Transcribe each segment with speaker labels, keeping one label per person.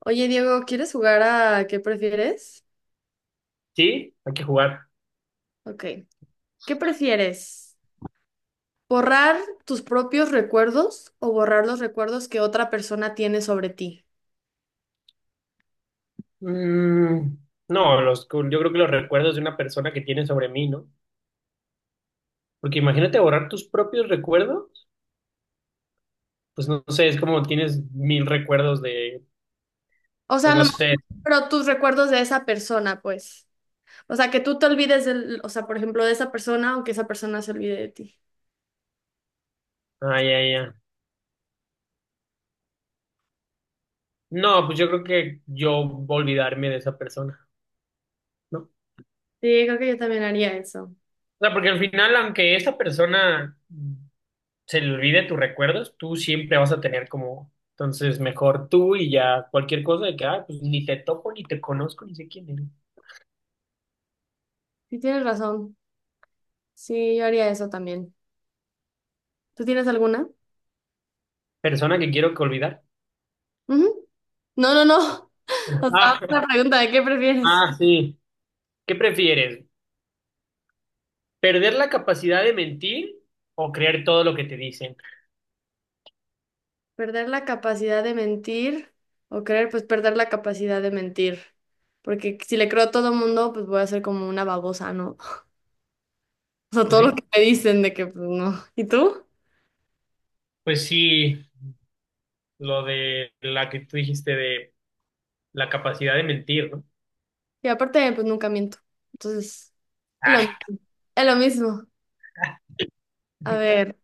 Speaker 1: Oye, Diego, ¿quieres jugar a qué prefieres?
Speaker 2: Sí, hay que jugar.
Speaker 1: Ok. ¿Qué prefieres? ¿Borrar tus propios recuerdos o borrar los recuerdos que otra persona tiene sobre ti?
Speaker 2: Mm, no, los, yo creo que los recuerdos de una persona que tiene sobre mí, ¿no? Porque imagínate borrar tus propios recuerdos. Pues no sé, es como tienes mil recuerdos,
Speaker 1: O sea, a
Speaker 2: pues
Speaker 1: lo
Speaker 2: no
Speaker 1: mejor,
Speaker 2: sé.
Speaker 1: pero tus recuerdos de esa persona, pues. O sea, que tú te olvides del, o sea, por ejemplo, de esa persona o que esa persona se olvide de ti.
Speaker 2: Ay, ay, ay. No, pues yo creo que yo voy a olvidarme de esa persona, ¿no? O
Speaker 1: Sí, creo que yo también haría eso.
Speaker 2: sea, porque al final, aunque esa persona se le olvide tus recuerdos, tú siempre vas a tener como, entonces mejor tú y ya cualquier cosa de que, ah, pues ni te topo, ni te conozco, ni sé quién eres.
Speaker 1: Sí, tienes razón. Sí, yo haría eso también. ¿Tú tienes alguna?
Speaker 2: Persona que quiero que olvidar.
Speaker 1: Ujú. No, no, no. O sea,
Speaker 2: Ah,
Speaker 1: una pregunta de qué prefieres.
Speaker 2: ah, sí. ¿Qué prefieres? ¿Perder la capacidad de mentir o creer todo lo que te dicen?
Speaker 1: ¿Perder la capacidad de mentir o creer? Pues perder la capacidad de mentir. Porque si le creo a todo mundo, pues voy a ser como una babosa, ¿no? O sea,
Speaker 2: Pues
Speaker 1: todo lo
Speaker 2: sí,
Speaker 1: que me dicen de que, pues no. ¿Y tú?
Speaker 2: pues sí, lo de la que tú dijiste de la capacidad de mentir, ¿no?
Speaker 1: Y aparte, pues nunca miento. Entonces, es lo
Speaker 2: Ah,
Speaker 1: mismo. Es lo mismo. A ver,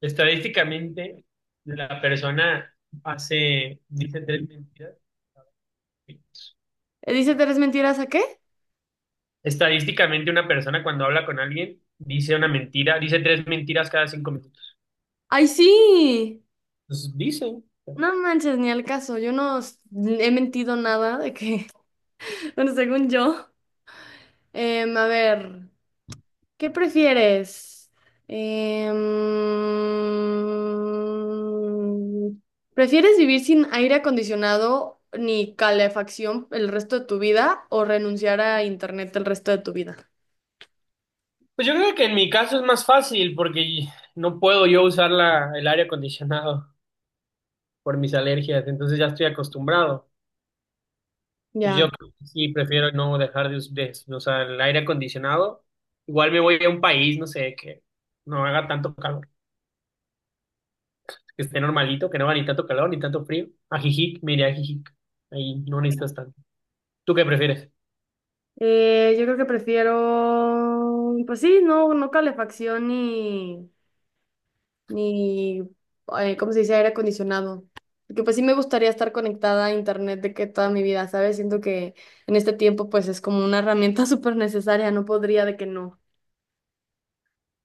Speaker 2: estadísticamente, la persona dice tres mentiras.
Speaker 1: ¿dice 3 mentiras a qué?
Speaker 2: Estadísticamente, una persona cuando habla con alguien dice una mentira, dice tres mentiras cada 5 minutos.
Speaker 1: ¡Ay, sí!
Speaker 2: Pues dice.
Speaker 1: No manches, ni al caso. Yo no s- he mentido nada de que, bueno, según yo. A ver. ¿Qué prefieres? Em, ¿Prefieres vivir sin aire acondicionado ni calefacción el resto de tu vida o renunciar a internet el resto de tu vida?
Speaker 2: Pues yo creo que en mi caso es más fácil porque no puedo yo usar el aire acondicionado por mis alergias, entonces ya estoy acostumbrado. Pues
Speaker 1: Ya.
Speaker 2: yo creo que sí prefiero no dejar de usar el aire acondicionado. Igual me voy a un país, no sé, que no haga tanto calor, que esté normalito, que no haga ni tanto calor ni tanto frío. A Jijic, me iré a Jijic. Ahí no necesitas tanto. ¿Tú qué prefieres?
Speaker 1: Yo creo que prefiero, pues sí, no, no calefacción ni, ¿cómo se dice? Aire acondicionado. Porque pues sí me gustaría estar conectada a internet de que toda mi vida, ¿sabes? Siento que en este tiempo pues es como una herramienta súper necesaria, no podría de que no,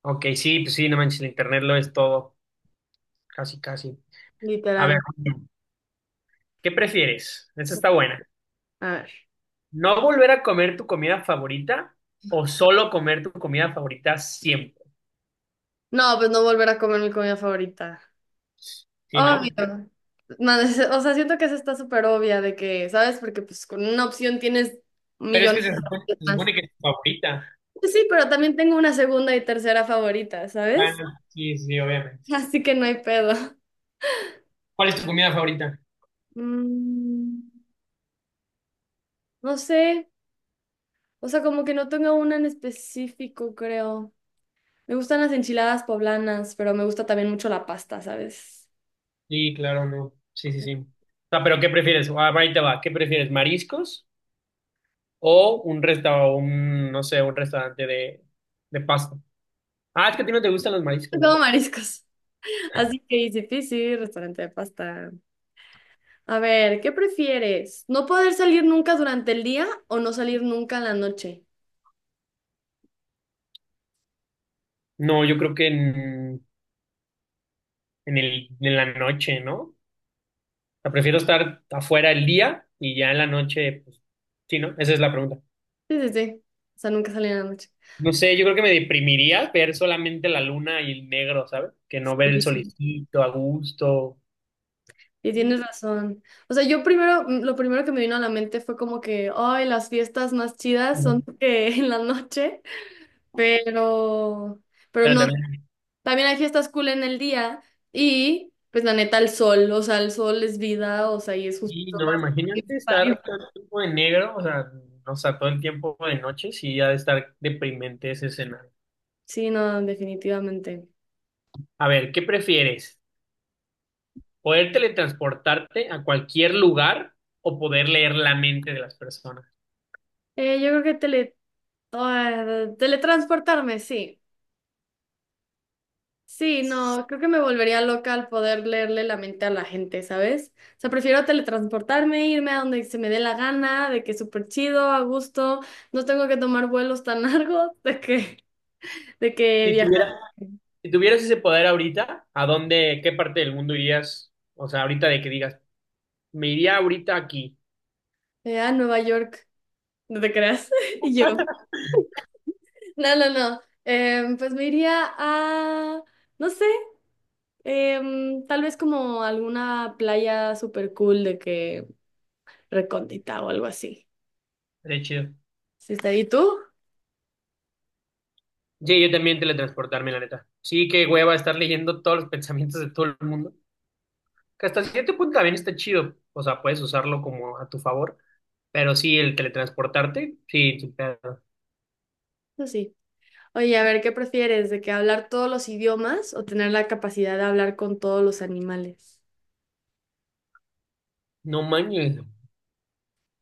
Speaker 2: Ok, sí, pues sí, no manches, el internet lo es todo, casi, casi. A ver,
Speaker 1: literal.
Speaker 2: ¿qué prefieres? Esa está buena.
Speaker 1: A ver.
Speaker 2: ¿No volver a comer tu comida favorita o solo comer tu comida favorita siempre?
Speaker 1: No, pues no volver a comer mi comida favorita.
Speaker 2: Sí, ¿no?
Speaker 1: Obvio. No, es- o sea, siento que eso está súper obvia de que, ¿sabes? Porque pues con una opción tienes
Speaker 2: Pero es
Speaker 1: millones
Speaker 2: que
Speaker 1: de opciones
Speaker 2: se
Speaker 1: más.
Speaker 2: supone que es tu favorita.
Speaker 1: Pues sí, pero también tengo una segunda y tercera favorita, ¿sabes?
Speaker 2: Bueno, sí, sí, obviamente.
Speaker 1: Así que no hay pedo.
Speaker 2: ¿Cuál es tu comida favorita?
Speaker 1: Mm. No sé, o sea, como que no tengo una en específico, creo. Me gustan las enchiladas poblanas, pero me gusta también mucho la pasta, ¿sabes?
Speaker 2: Sí, claro, no. Sí, sí, sí. O sea, pero ¿qué prefieres? Ah, ahí te va. ¿Qué prefieres? ¿Mariscos o un restaurante, un, no sé, un restaurante de pasta? Ah, es que a ti no te gustan los mariscos, ¿no?
Speaker 1: Como mariscos. Así que easy peasy, restaurante de pasta. A ver, ¿qué prefieres? ¿No poder salir nunca durante el día o no salir nunca en la noche?
Speaker 2: No, yo creo que en la noche, ¿no? O sea, prefiero estar afuera el día y ya en la noche, pues, sí, ¿no? Esa es la pregunta.
Speaker 1: Sí, sí, sí. O sea, nunca salir en la noche.
Speaker 2: No sé, yo creo que me deprimiría ver solamente la luna y el negro, ¿sabes? Que no ver el
Speaker 1: Sí,
Speaker 2: solecito a gusto.
Speaker 1: y tienes razón. O sea, yo primero, mm, lo primero que me vino a la mente fue como que, ay, las fiestas más chidas son en la noche, pero... Pero
Speaker 2: Pero
Speaker 1: no,
Speaker 2: también,
Speaker 1: también hay fiestas cool en el día y pues la neta el sol, o sea, el sol es vida, o sea, y es justo
Speaker 2: sí, no, imagínate
Speaker 1: necesario.
Speaker 2: estar todo el tiempo de negro, o sea, todo el tiempo de noche, sí, ha de estar deprimente ese escenario.
Speaker 1: Sí, no, definitivamente.
Speaker 2: A ver, ¿qué prefieres? ¿Poder teletransportarte a cualquier lugar o poder leer la mente de las personas?
Speaker 1: Yo creo que tele... ah, teletransportarme, sí. Sí, no, creo que me volvería loca al poder leerle la mente a la gente, ¿sabes? O sea, prefiero teletransportarme, irme a donde se me dé la gana, de que súper chido, a gusto, no tengo que tomar vuelos tan largos, de que
Speaker 2: Si
Speaker 1: viajar
Speaker 2: tuviera, Si tuvieras ese poder ahorita, ¿a dónde, qué parte del mundo irías? O sea, ahorita de que digas, me iría ahorita aquí.
Speaker 1: a Nueva York, no te creas, y yo. No, no, no. Pues me iría a, no sé, tal vez como alguna playa super cool de que recóndita o algo así.
Speaker 2: Sería chido.
Speaker 1: ¿Sí está ahí tú?
Speaker 2: Sí, yo también teletransportarme, la neta. Sí, qué hueva estar leyendo todos los pensamientos de todo el mundo. Que hasta cierto punto también está chido. O sea, puedes usarlo como a tu favor. Pero sí, el teletransportarte, sí, sin pedo.
Speaker 1: No, sí. Oye, a ver, ¿qué prefieres? ¿De que hablar todos los idiomas o tener la capacidad de hablar con todos los animales?
Speaker 2: No manches,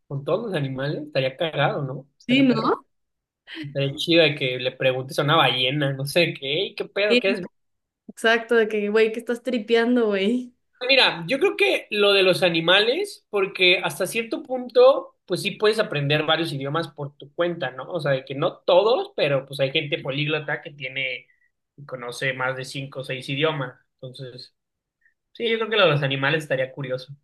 Speaker 2: con todos los animales estaría cagado, ¿no?
Speaker 1: Sí,
Speaker 2: Estaría perro.
Speaker 1: ¿no?
Speaker 2: Estaría chido de que le preguntes a una ballena, no sé qué, "Ey, qué pedo,
Speaker 1: Sí.
Speaker 2: qué es".
Speaker 1: Exacto, de que, güey, ¿que estás tripeando, güey?
Speaker 2: Mira, yo creo que lo de los animales, porque hasta cierto punto, pues sí puedes aprender varios idiomas por tu cuenta, ¿no? O sea, de que no todos, pero pues hay gente políglota que tiene y conoce más de cinco o seis idiomas. Entonces, sí, yo creo que lo de los animales estaría curioso.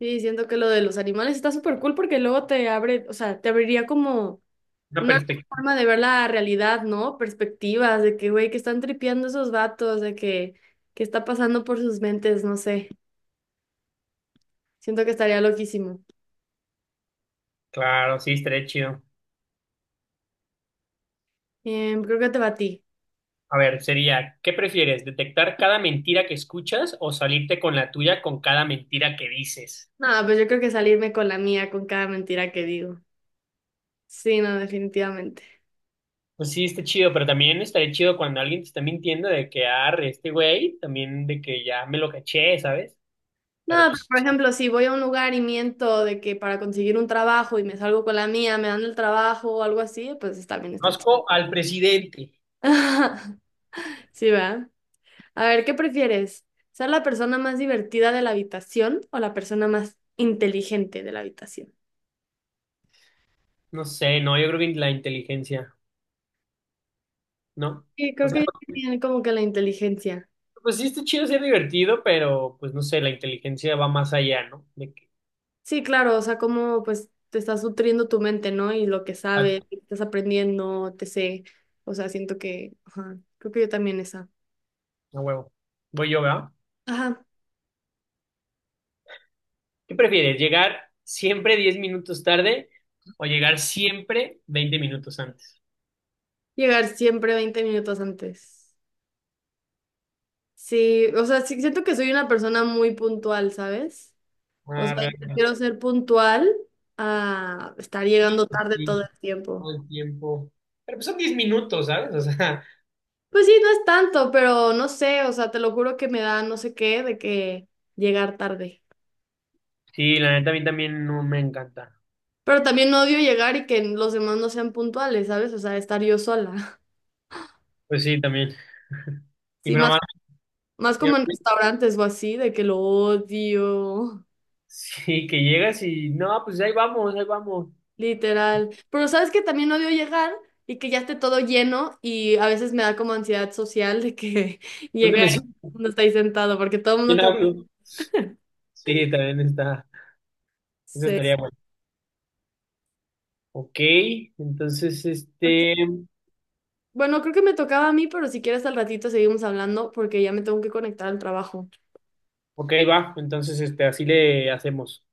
Speaker 1: Sí, siento que lo de los animales está súper cool porque luego te abre, o sea, te abriría como
Speaker 2: Una
Speaker 1: una
Speaker 2: perspectiva.
Speaker 1: forma de ver la realidad, ¿no? Perspectivas de que, güey, que están tripeando esos vatos, de que está pasando por sus mentes, no sé. Siento que estaría loquísimo.
Speaker 2: Claro, sí, estaría chido.
Speaker 1: Creo que te batí.
Speaker 2: A ver, sería, ¿qué prefieres? ¿Detectar cada mentira que escuchas o salirte con la tuya con cada mentira que dices?
Speaker 1: No, pues yo creo que salirme con la mía, con cada mentira que digo. Sí, no, definitivamente.
Speaker 2: Pues sí, está chido, pero también estaría chido cuando alguien te está mintiendo de que arre este güey, también de que ya me lo caché, ¿sabes?
Speaker 1: No,
Speaker 2: Pero
Speaker 1: pero
Speaker 2: pues
Speaker 1: por
Speaker 2: sí.
Speaker 1: ejemplo, si voy a un lugar y miento de que para conseguir un trabajo y me salgo con la mía, me dan el trabajo o algo así, pues está bien, está chido.
Speaker 2: Conozco al presidente.
Speaker 1: Sí, ¿verdad? A ver, ¿qué prefieres? ¿Ser la persona más divertida de la habitación o la persona más inteligente de la habitación?
Speaker 2: No sé, no, yo creo que la inteligencia, ¿no?
Speaker 1: Sí,
Speaker 2: O
Speaker 1: creo
Speaker 2: sea,
Speaker 1: que tienen como que la inteligencia.
Speaker 2: pues sí está chido ser divertido, pero pues no sé, la inteligencia va más allá, ¿no? De que,
Speaker 1: Sí, claro, o sea, como pues te estás nutriendo tu mente, ¿no? Y lo que
Speaker 2: ah,
Speaker 1: sabes, y estás aprendiendo, te sé. O sea, siento que, ajá, creo que yo también esa.
Speaker 2: a huevo. Voy yo, ¿verdad?
Speaker 1: Ajá,
Speaker 2: ¿Qué prefieres? ¿Llegar siempre 10 minutos tarde o llegar siempre 20 minutos antes?
Speaker 1: llegar siempre 20 minutos antes. Sí, o sea, sí, siento que soy una persona muy puntual, ¿sabes? O sea,
Speaker 2: Arre.
Speaker 1: yo prefiero ser puntual a estar
Speaker 2: Sí,
Speaker 1: llegando tarde todo
Speaker 2: sí,
Speaker 1: el tiempo.
Speaker 2: todo el tiempo. Pero pues son 10 minutos, ¿sabes? O sea,
Speaker 1: Pues sí, no es tanto, pero no sé, o sea, te lo juro que me da no sé qué de que llegar tarde.
Speaker 2: sí, la neta a mí también no me encanta.
Speaker 1: Pero también odio llegar y que los demás no sean puntuales, ¿sabes? O sea, estar yo sola.
Speaker 2: Pues sí, también. Y
Speaker 1: Sí,
Speaker 2: mi
Speaker 1: más,
Speaker 2: mamá,
Speaker 1: más como en restaurantes o así, de que lo odio,
Speaker 2: sí, que llegas y no, pues ahí vamos, ahí vamos.
Speaker 1: literal. Pero sabes que también odio llegar y que ya esté todo lleno y a veces me da como ansiedad social de que
Speaker 2: ¿Dónde
Speaker 1: llegar
Speaker 2: me
Speaker 1: y todo el
Speaker 2: siento?
Speaker 1: mundo está ahí sentado porque todo el mundo
Speaker 2: ¿Quién hablo? Sí, también está. Eso
Speaker 1: te...
Speaker 2: estaría bueno. Ok, entonces
Speaker 1: Ok.
Speaker 2: este.
Speaker 1: Bueno, creo que me tocaba a mí, pero si quieres al ratito seguimos hablando porque ya me tengo que conectar al trabajo.
Speaker 2: Ok, va. Entonces este, así le hacemos.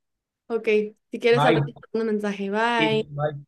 Speaker 1: Ok, si quieres al
Speaker 2: Bye.
Speaker 1: ratito, te mando un mensaje.
Speaker 2: Sí,
Speaker 1: Bye.
Speaker 2: bye.